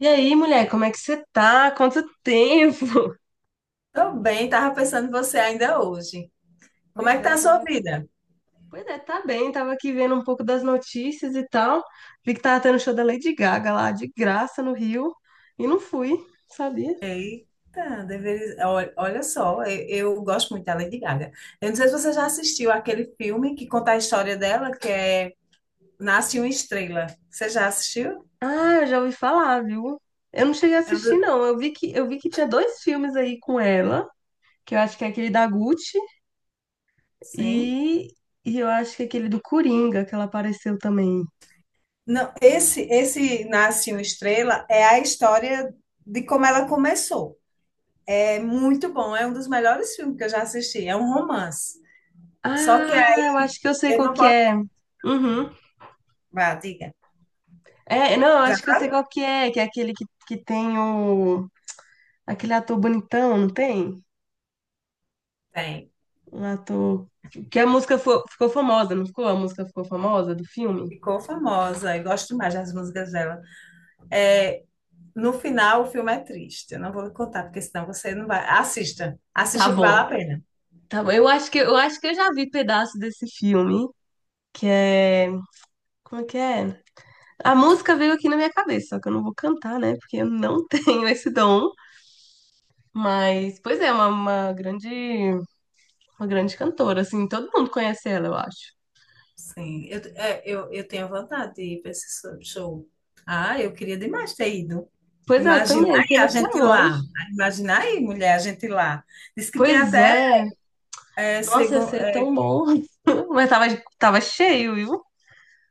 E aí, mulher, como é que você tá? Quanto tempo? Tô bem, tava pensando em você ainda hoje. Como é Pois que tá é, a sua tava. vida? Pois é, tá bem, tava aqui vendo um pouco das notícias e tal. Vi que tava tendo show da Lady Gaga lá, de graça no Rio. E não fui, sabia? Eita, deveria. Olha só, eu gosto muito da Lady Gaga. Eu não sei se você já assistiu aquele filme que conta a história dela, que é Nasce uma Estrela. Você já assistiu? Ah, eu já ouvi falar, viu? Eu não cheguei a É um assistir, do-. não. Eu vi que tinha dois filmes aí com ela, que eu acho que é aquele da Gucci Sim. e, e eu acho que é aquele do Coringa, que ela apareceu também. Não, esse Nasce uma Estrela é a história de como ela começou. É muito bom, é um dos melhores filmes que eu já assisti. É um romance. Só que Ah, eu aí acho que eu sei eu qual não que posso. é. Uhum. Vá, diga. É, não, Já acho que eu sei sabe? qual que é aquele que tem o... Aquele ator bonitão, não tem? Tem. Um ator... Que a música ficou famosa, não ficou? A música ficou famosa do filme? Ficou famosa, eu gosto demais das músicas dela. É, no final, o filme é triste. Eu não vou lhe contar, porque senão você não vai. Assista, Tá assista que vale a bom, pena. tá bom. Eu acho que eu já vi pedaço desse filme, que é... Como é que é? A música veio aqui na minha cabeça, só que eu não vou cantar, né? Porque eu não tenho esse dom. Mas, pois é, uma grande cantora, assim, todo mundo conhece ela, eu acho. Sim, eu tenho vontade de ir para esse show. Ah, eu queria demais ter ido. Pois é, eu Imaginar também, aí pena a que é gente longe. lá. Imaginar aí, mulher, a gente lá. Diz que tinha Pois até, é, é, Nossa, ia segun- ser é, tão bom. Mas tava, tava cheio, viu?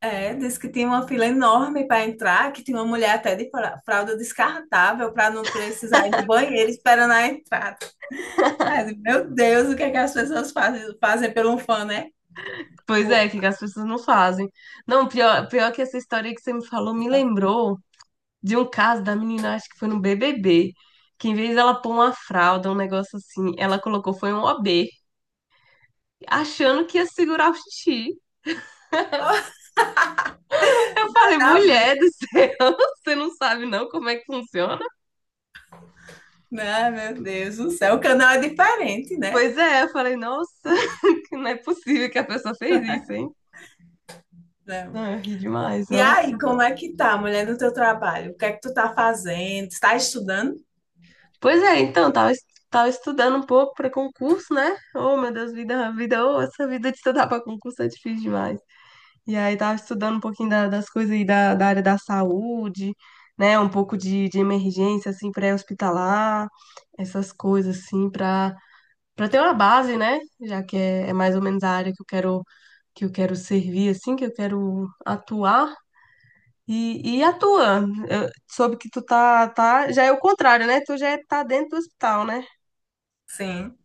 diz que tinha uma fila enorme para entrar, que tinha uma mulher até de fralda descartável para não precisar ir no banheiro esperando a entrada. Mas, meu Deus, o que é que as pessoas fazem, fazem por um fã, né? Pois é, Pô. o que que as pessoas não fazem. Não, pior, pior que essa história que você me falou me Então. lembrou de um caso da menina, acho que foi no BBB, que em vez dela pôr uma fralda, um negócio assim, ela colocou foi um OB, achando que ia segurar o xixi. Oh, Eu falei, tá mulher bem. do céu, você não sabe não como é que funciona? Ah, meu Deus do céu, o canal é diferente, né? Pois é, eu falei, nossa, não é possível que a pessoa fez isso, hein? Não. Não, eu ri demais, E aí, nossa. como é que tá, mulher, no teu trabalho? O que é que tu tá fazendo? Está estudando? Pois é, então, tava, tava estudando um pouco para concurso, né? Oh, meu Deus, vida, vida, oh, essa vida de estudar para concurso é difícil demais. E aí tava estudando um pouquinho das coisas aí da área da saúde, né? Um pouco de emergência, assim, pré-hospitalar, essas coisas, assim, para ter uma base, né? Já que é, é mais ou menos a área que eu quero servir, assim, que eu quero atuar. E atua, soube que tu tá, tá, já é o contrário, né? Tu já tá dentro do hospital, né? Sim,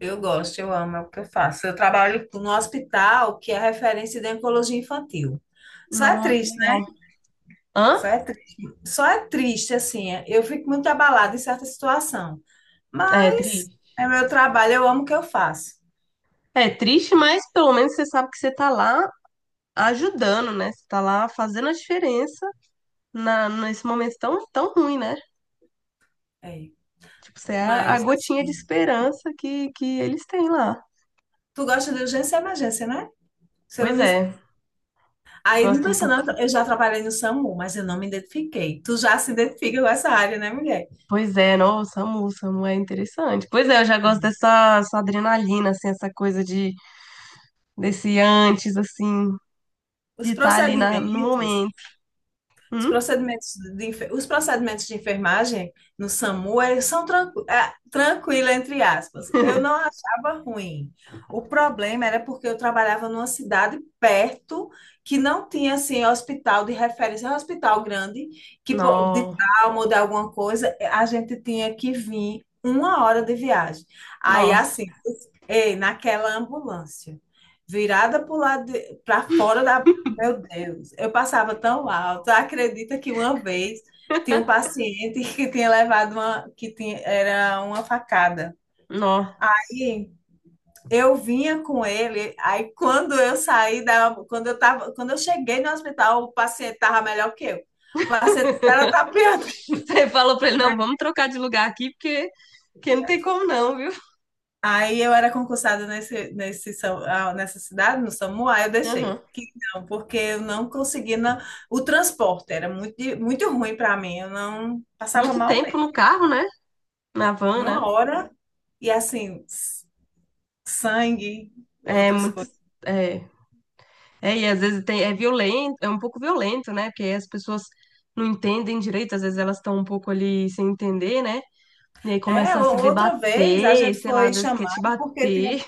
eu gosto, eu amo, é o que eu faço. Eu trabalho no hospital que é referência de oncologia infantil. Só é Nossa, que triste, legal. né? Hã? Só é triste. Só é triste, assim, eu fico muito abalada em certa situação. É Mas triste. é meu trabalho, eu amo o que eu faço. É triste, mas pelo menos você sabe que você tá lá ajudando, né? Você tá lá fazendo a diferença na, nesse momento tão, tão ruim, né? É. Tipo, você é a Mas, gotinha de assim, esperança que eles têm lá. tu gosta de urgência e emergência, né? Você não Pois me. é, Aí, não gosto um pensa, não, pouco. eu já trabalhei no SAMU, mas eu não me identifiquei. Tu já se identifica com essa área, né, mulher? Pois é, nossa, Samu, Samu é interessante. Pois é, eu já gosto Uhum. dessa essa adrenalina, assim, essa coisa de desse antes, assim, de Os estar ali na, no procedimentos, momento. Os Hum? procedimentos de, enfe- os procedimentos de enfermagem no SAMU eles são tranquilo, entre aspas. Eu não achava ruim. O problema era porque eu trabalhava numa cidade perto que não tinha assim hospital de referência. É um hospital grande, que de Nó, trauma ou de alguma coisa, a gente tinha que vir uma hora de viagem. Aí nossa, assim, ei, naquela ambulância virada para fora da, meu Deus, eu passava tão alto. Acredita que uma vez tinha um paciente que tinha levado uma, que tinha, era uma facada. nó. Aí eu vinha com ele, aí quando eu saí da, quando eu tava, quando eu cheguei no hospital, o paciente tava melhor que eu. O paciente era tapeado, você falou pra ele, não, né? vamos trocar de lugar aqui, porque, porque não tem como não, viu? Aí eu era concursada nessa cidade, no SAMU, aí eu Aham. deixei. Que não, porque eu não conseguia. Não- o transporte era muito, muito ruim para mim, eu não passava Muito mal. tempo no carro, né? Na van, Uma né? hora e assim, sangue, É outras muito. coisas. É, é, e às vezes tem, é violento, é um pouco violento, né? Porque as pessoas não entendem direito, às vezes elas estão um pouco ali sem entender, né? E aí É, começa a se o- outra vez debater, sei lá, às vezes quer te bater.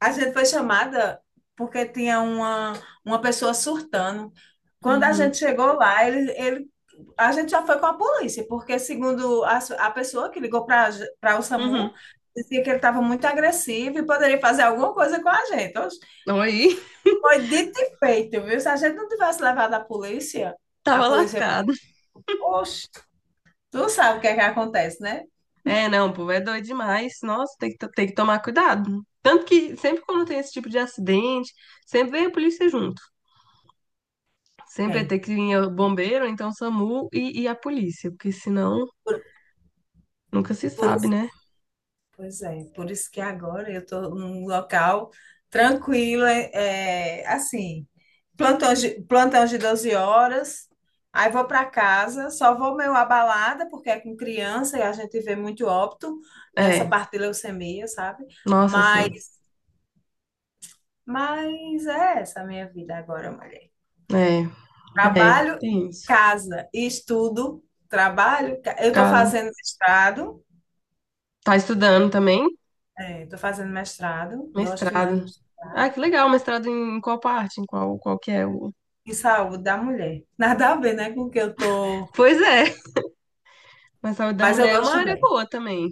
a gente foi chamada porque tinha uma pessoa surtando. Quando a Uhum, gente chegou lá, a gente já foi com a polícia, porque segundo a pessoa que ligou para o uhum. SAMU, dizia que ele estava muito agressivo e poderia fazer alguma coisa com a gente. Oxe. Aí, Foi dito e feito, viu? Se a gente não tivesse levado a polícia, a tava polícia, lascado. oxe. Tu sabe o que é que acontece, né? É, não, o povo é doido demais. Nossa, tem que, tem que tomar cuidado. Tanto que sempre quando tem esse tipo de acidente, sempre vem a polícia junto. Sempre vai É. ter que vir o bombeiro, ou então SAMU e a polícia, porque senão Por, nunca se por sabe, isso, né? pois é, por isso que agora eu estou num local tranquilo, assim, plantão de 12 horas, aí vou para casa, só vou meio abalada, porque é com criança e a gente vê muito óbito nessa É, parte de leucemia, sabe? nossa, Mas, assim, mas é essa a minha vida agora, mulher. é, é, Trabalho, e tem isso. casa e estudo, trabalho, eu estou Casa. fazendo mestrado, Tá estudando também? estou fazendo mestrado, gosto demais de Mestrado. Ah, estudar. que legal, mestrado em qual parte? Em qual, qual que é o... Em saúde da mulher. Nada a ver, né, com o que eu tô, Pois é, mas a saúde da mas eu mulher é gosto uma área também. boa também.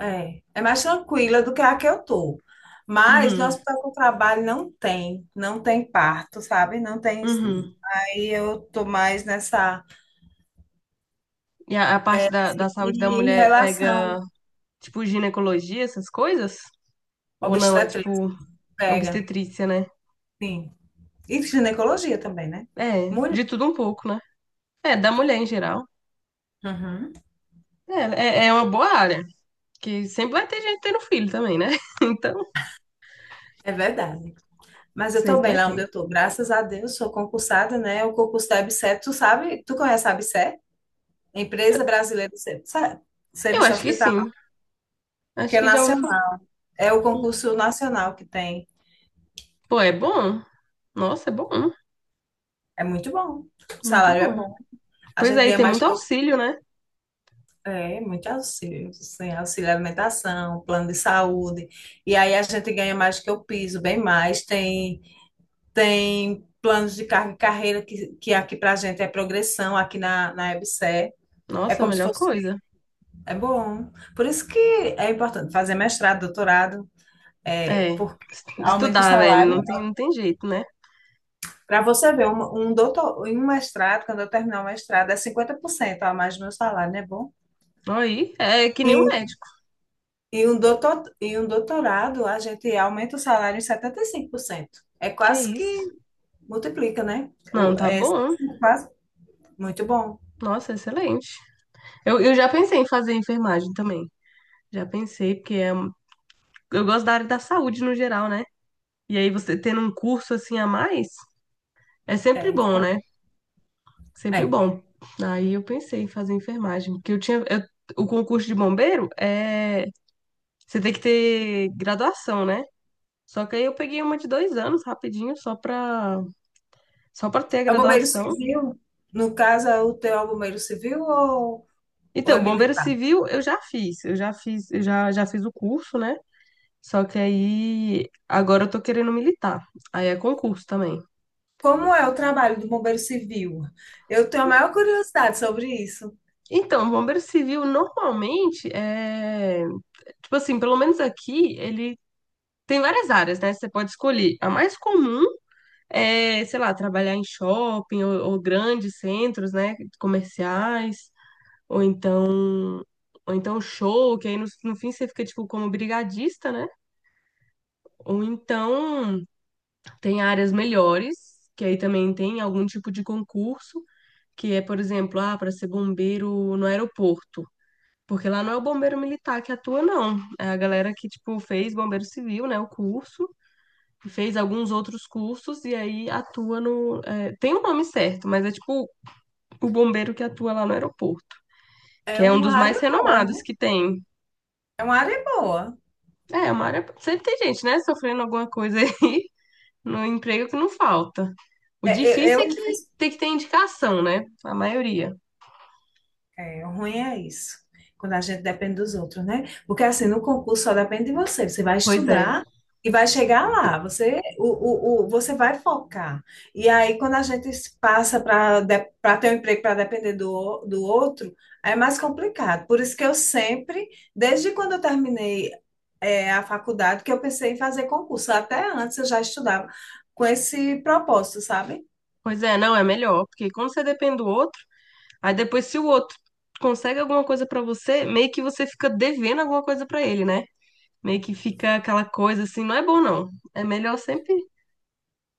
É, mais tranquila do que a que eu tô. Mas no Uhum, hospital que eu trabalho não tem parto, sabe? Não tem isso. uhum. Aí eu tô mais nessa. E a parte da saúde da E em mulher pega, relação tipo, ginecologia, essas coisas? à Ou não, é obstetrícia, tipo, pega, obstetrícia, né? sim. E ginecologia também, né? É, Mulher. de tudo um pouco, né? É, da mulher em geral. Uhum. É, é, é uma boa área. Que sempre vai ter gente tendo filho também, né? Então, É verdade. Mas eu tô sempre bem vai lá ter. onde eu tô, graças a Deus, sou concursada, né? O concurso da ABSERH, tu sabe, tu conhece a ABSERH? Eu, Empresa Brasileira de eu Serviço acho que Hospitalar, sim. que Acho é que já ouvi falar. nacional, é o concurso nacional que tem. Pô, é bom. Nossa, é bom. É muito bom, o Muito salário é bom. bom. A Pois gente aí, ganha tem mais muito que auxílio, né? Muito auxílio, assim, auxílio alimentação, plano de saúde. E aí a gente ganha mais que o piso, bem mais. Tem planos de carga e carreira que aqui pra gente é progressão, aqui na EBSERH. É Nossa, a como se melhor fosse. coisa. É bom. Por isso que é importante fazer mestrado, doutorado, É, porque aumenta o estudar, velho. salário. Não tem jeito, né? Para você ver, um doutor, em um mestrado, quando eu terminar o mestrado, é 50% a mais do meu salário, não é bom? Aí, é que nem o E, médico. e, um doutor, e um doutorado, a gente aumenta o salário em 75%. É Que quase isso. que multiplica, né? Não, tá É bom. quase muito bom. Nossa, excelente. Eu já pensei em fazer enfermagem também. Já pensei, porque é, eu gosto da área da saúde no geral, né? E aí você tendo um curso assim a mais, é sempre É, bom, né? Sempre é. bom. Aí eu pensei em fazer enfermagem, porque eu tinha, o concurso de bombeiro é, você tem que ter graduação, né? Só que aí eu peguei uma de 2 anos rapidinho, só pra ter a É o bombeiro graduação. civil? No caso, é o teu bombeiro civil ou é Então, bombeiro militar? civil eu já fiz, já fiz o curso, né? Só que aí agora eu tô querendo militar. Aí é concurso também. Como é o trabalho do bombeiro civil? Eu tenho a maior curiosidade sobre isso. Então, bombeiro civil normalmente é, tipo assim, pelo menos aqui ele tem várias áreas, né? Você pode escolher. A mais comum é, sei lá, trabalhar em shopping ou grandes centros, né, comerciais, ou então ou então show, que aí no, no fim você fica tipo como brigadista, né? Ou então tem áreas melhores, que aí também tem algum tipo de concurso. Que é, por exemplo, ah, para ser bombeiro no aeroporto. Porque lá não é o bombeiro militar que atua, não. É a galera que, tipo, fez bombeiro civil, né, o curso, fez alguns outros cursos e aí atua no. é, tem o nome certo, mas é tipo o bombeiro que atua lá no aeroporto, É que é um uma dos mais área boa, renomados né? que tem. É uma área boa. É, é uma área. Sempre tem gente, né, sofrendo alguma coisa aí no emprego que não falta. O É, eu, difícil é eu não que fiz. tem que ter indicação, né? A maioria. É, o ruim é isso, quando a gente depende dos outros, né? Porque assim, no concurso só depende de você. Você vai Pois é. estudar e vai chegar lá. Você, o- você vai focar. E aí, quando a gente se passa para ter um emprego para depender do outro, é mais complicado. Por isso que eu sempre, desde quando eu terminei a faculdade que eu pensei em fazer concurso. Até antes eu já estudava com esse propósito, sabe? Pois é, não, é melhor, porque quando você depende do outro. Aí depois, se o outro consegue alguma coisa pra você, meio que você fica devendo alguma coisa pra ele, né? Meio que fica aquela coisa assim, não é bom não. É melhor sempre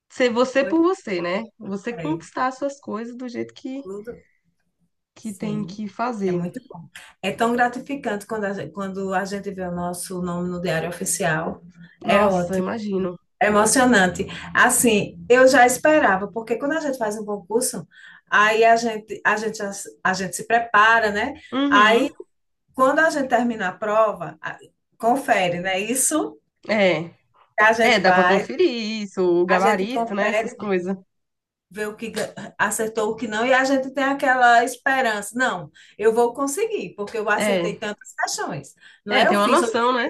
ser você Pois por você, né? Você é. conquistar as suas coisas do jeito Tudo, que tem sim, que é fazer. muito bom. É tão gratificante quando a gente vê o nosso nome no Diário Oficial. É Nossa, ótimo, imagino. é emocionante. Assim, eu já esperava, porque quando a gente faz um concurso, aí a gente se prepara, né? Uhum. Aí, quando a gente termina a prova, confere, né? Isso É. que a É, gente dá pra faz. conferir isso, o A gente gabarito, né? Essas confere, coisas. vê o que acertou, o que não, e a gente tem aquela esperança. Não, eu vou conseguir, porque eu É. acertei tantas questões. Não É, é? Eu tem uma fiz, oit- noção, né?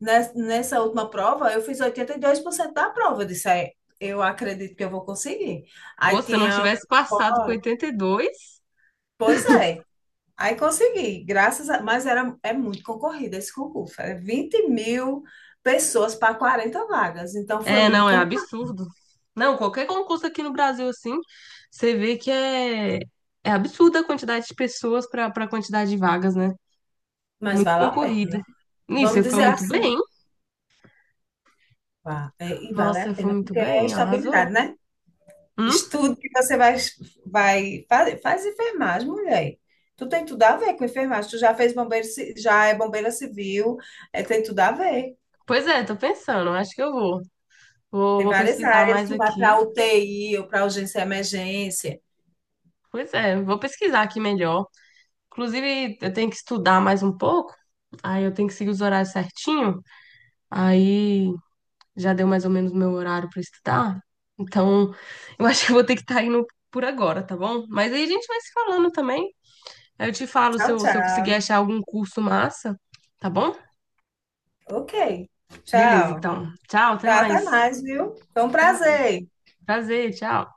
nes- nessa última prova, eu fiz 82% da prova. Eu disse: "É, eu acredito que eu vou conseguir." Aí Pô, se eu não tinha. tivesse passado com Ó, 82. pois é. Aí consegui, graças a. Mas é muito concorrido esse concurso. Era 20.000 pessoas para 40 vagas. Então foi É, não, muito é concorrido, absurdo. Não, qualquer concurso aqui no Brasil, assim, você vê que é, é absurda a quantidade de pessoas para a quantidade de vagas, né? mas Muito vale a concorrido. pena. Nisso, Vamos você foi dizer muito assim. bem. Vá, e vale a Nossa, foi pena, muito porque é bem, estabilidade, arrasou. né? Hum? Estudo que você vai, faz enfermagem, mulher. Tu tem tudo a ver com enfermagem. Tu já fez bombeiro, já é bombeira civil, tem tudo a ver. Pois é, tô pensando, acho que eu vou. Tem Vou várias pesquisar áreas. mais Tu vai para aqui. UTI ou para urgência e emergência. Pois é, vou pesquisar aqui melhor. Inclusive, eu tenho que estudar mais um pouco. Aí eu tenho que seguir os horários certinho. Aí já deu mais ou menos meu horário para estudar. Então, eu acho que eu vou ter que estar indo por agora, tá bom? Mas aí a gente vai se falando também. Aí eu te falo Tchau, se eu conseguir tchau. achar algum curso massa, tá bom? Ok. Beleza, Tchau. então. Tchau, até Tá, até mais. mais, viu? Foi um Até mais. prazer. Prazer, tchau.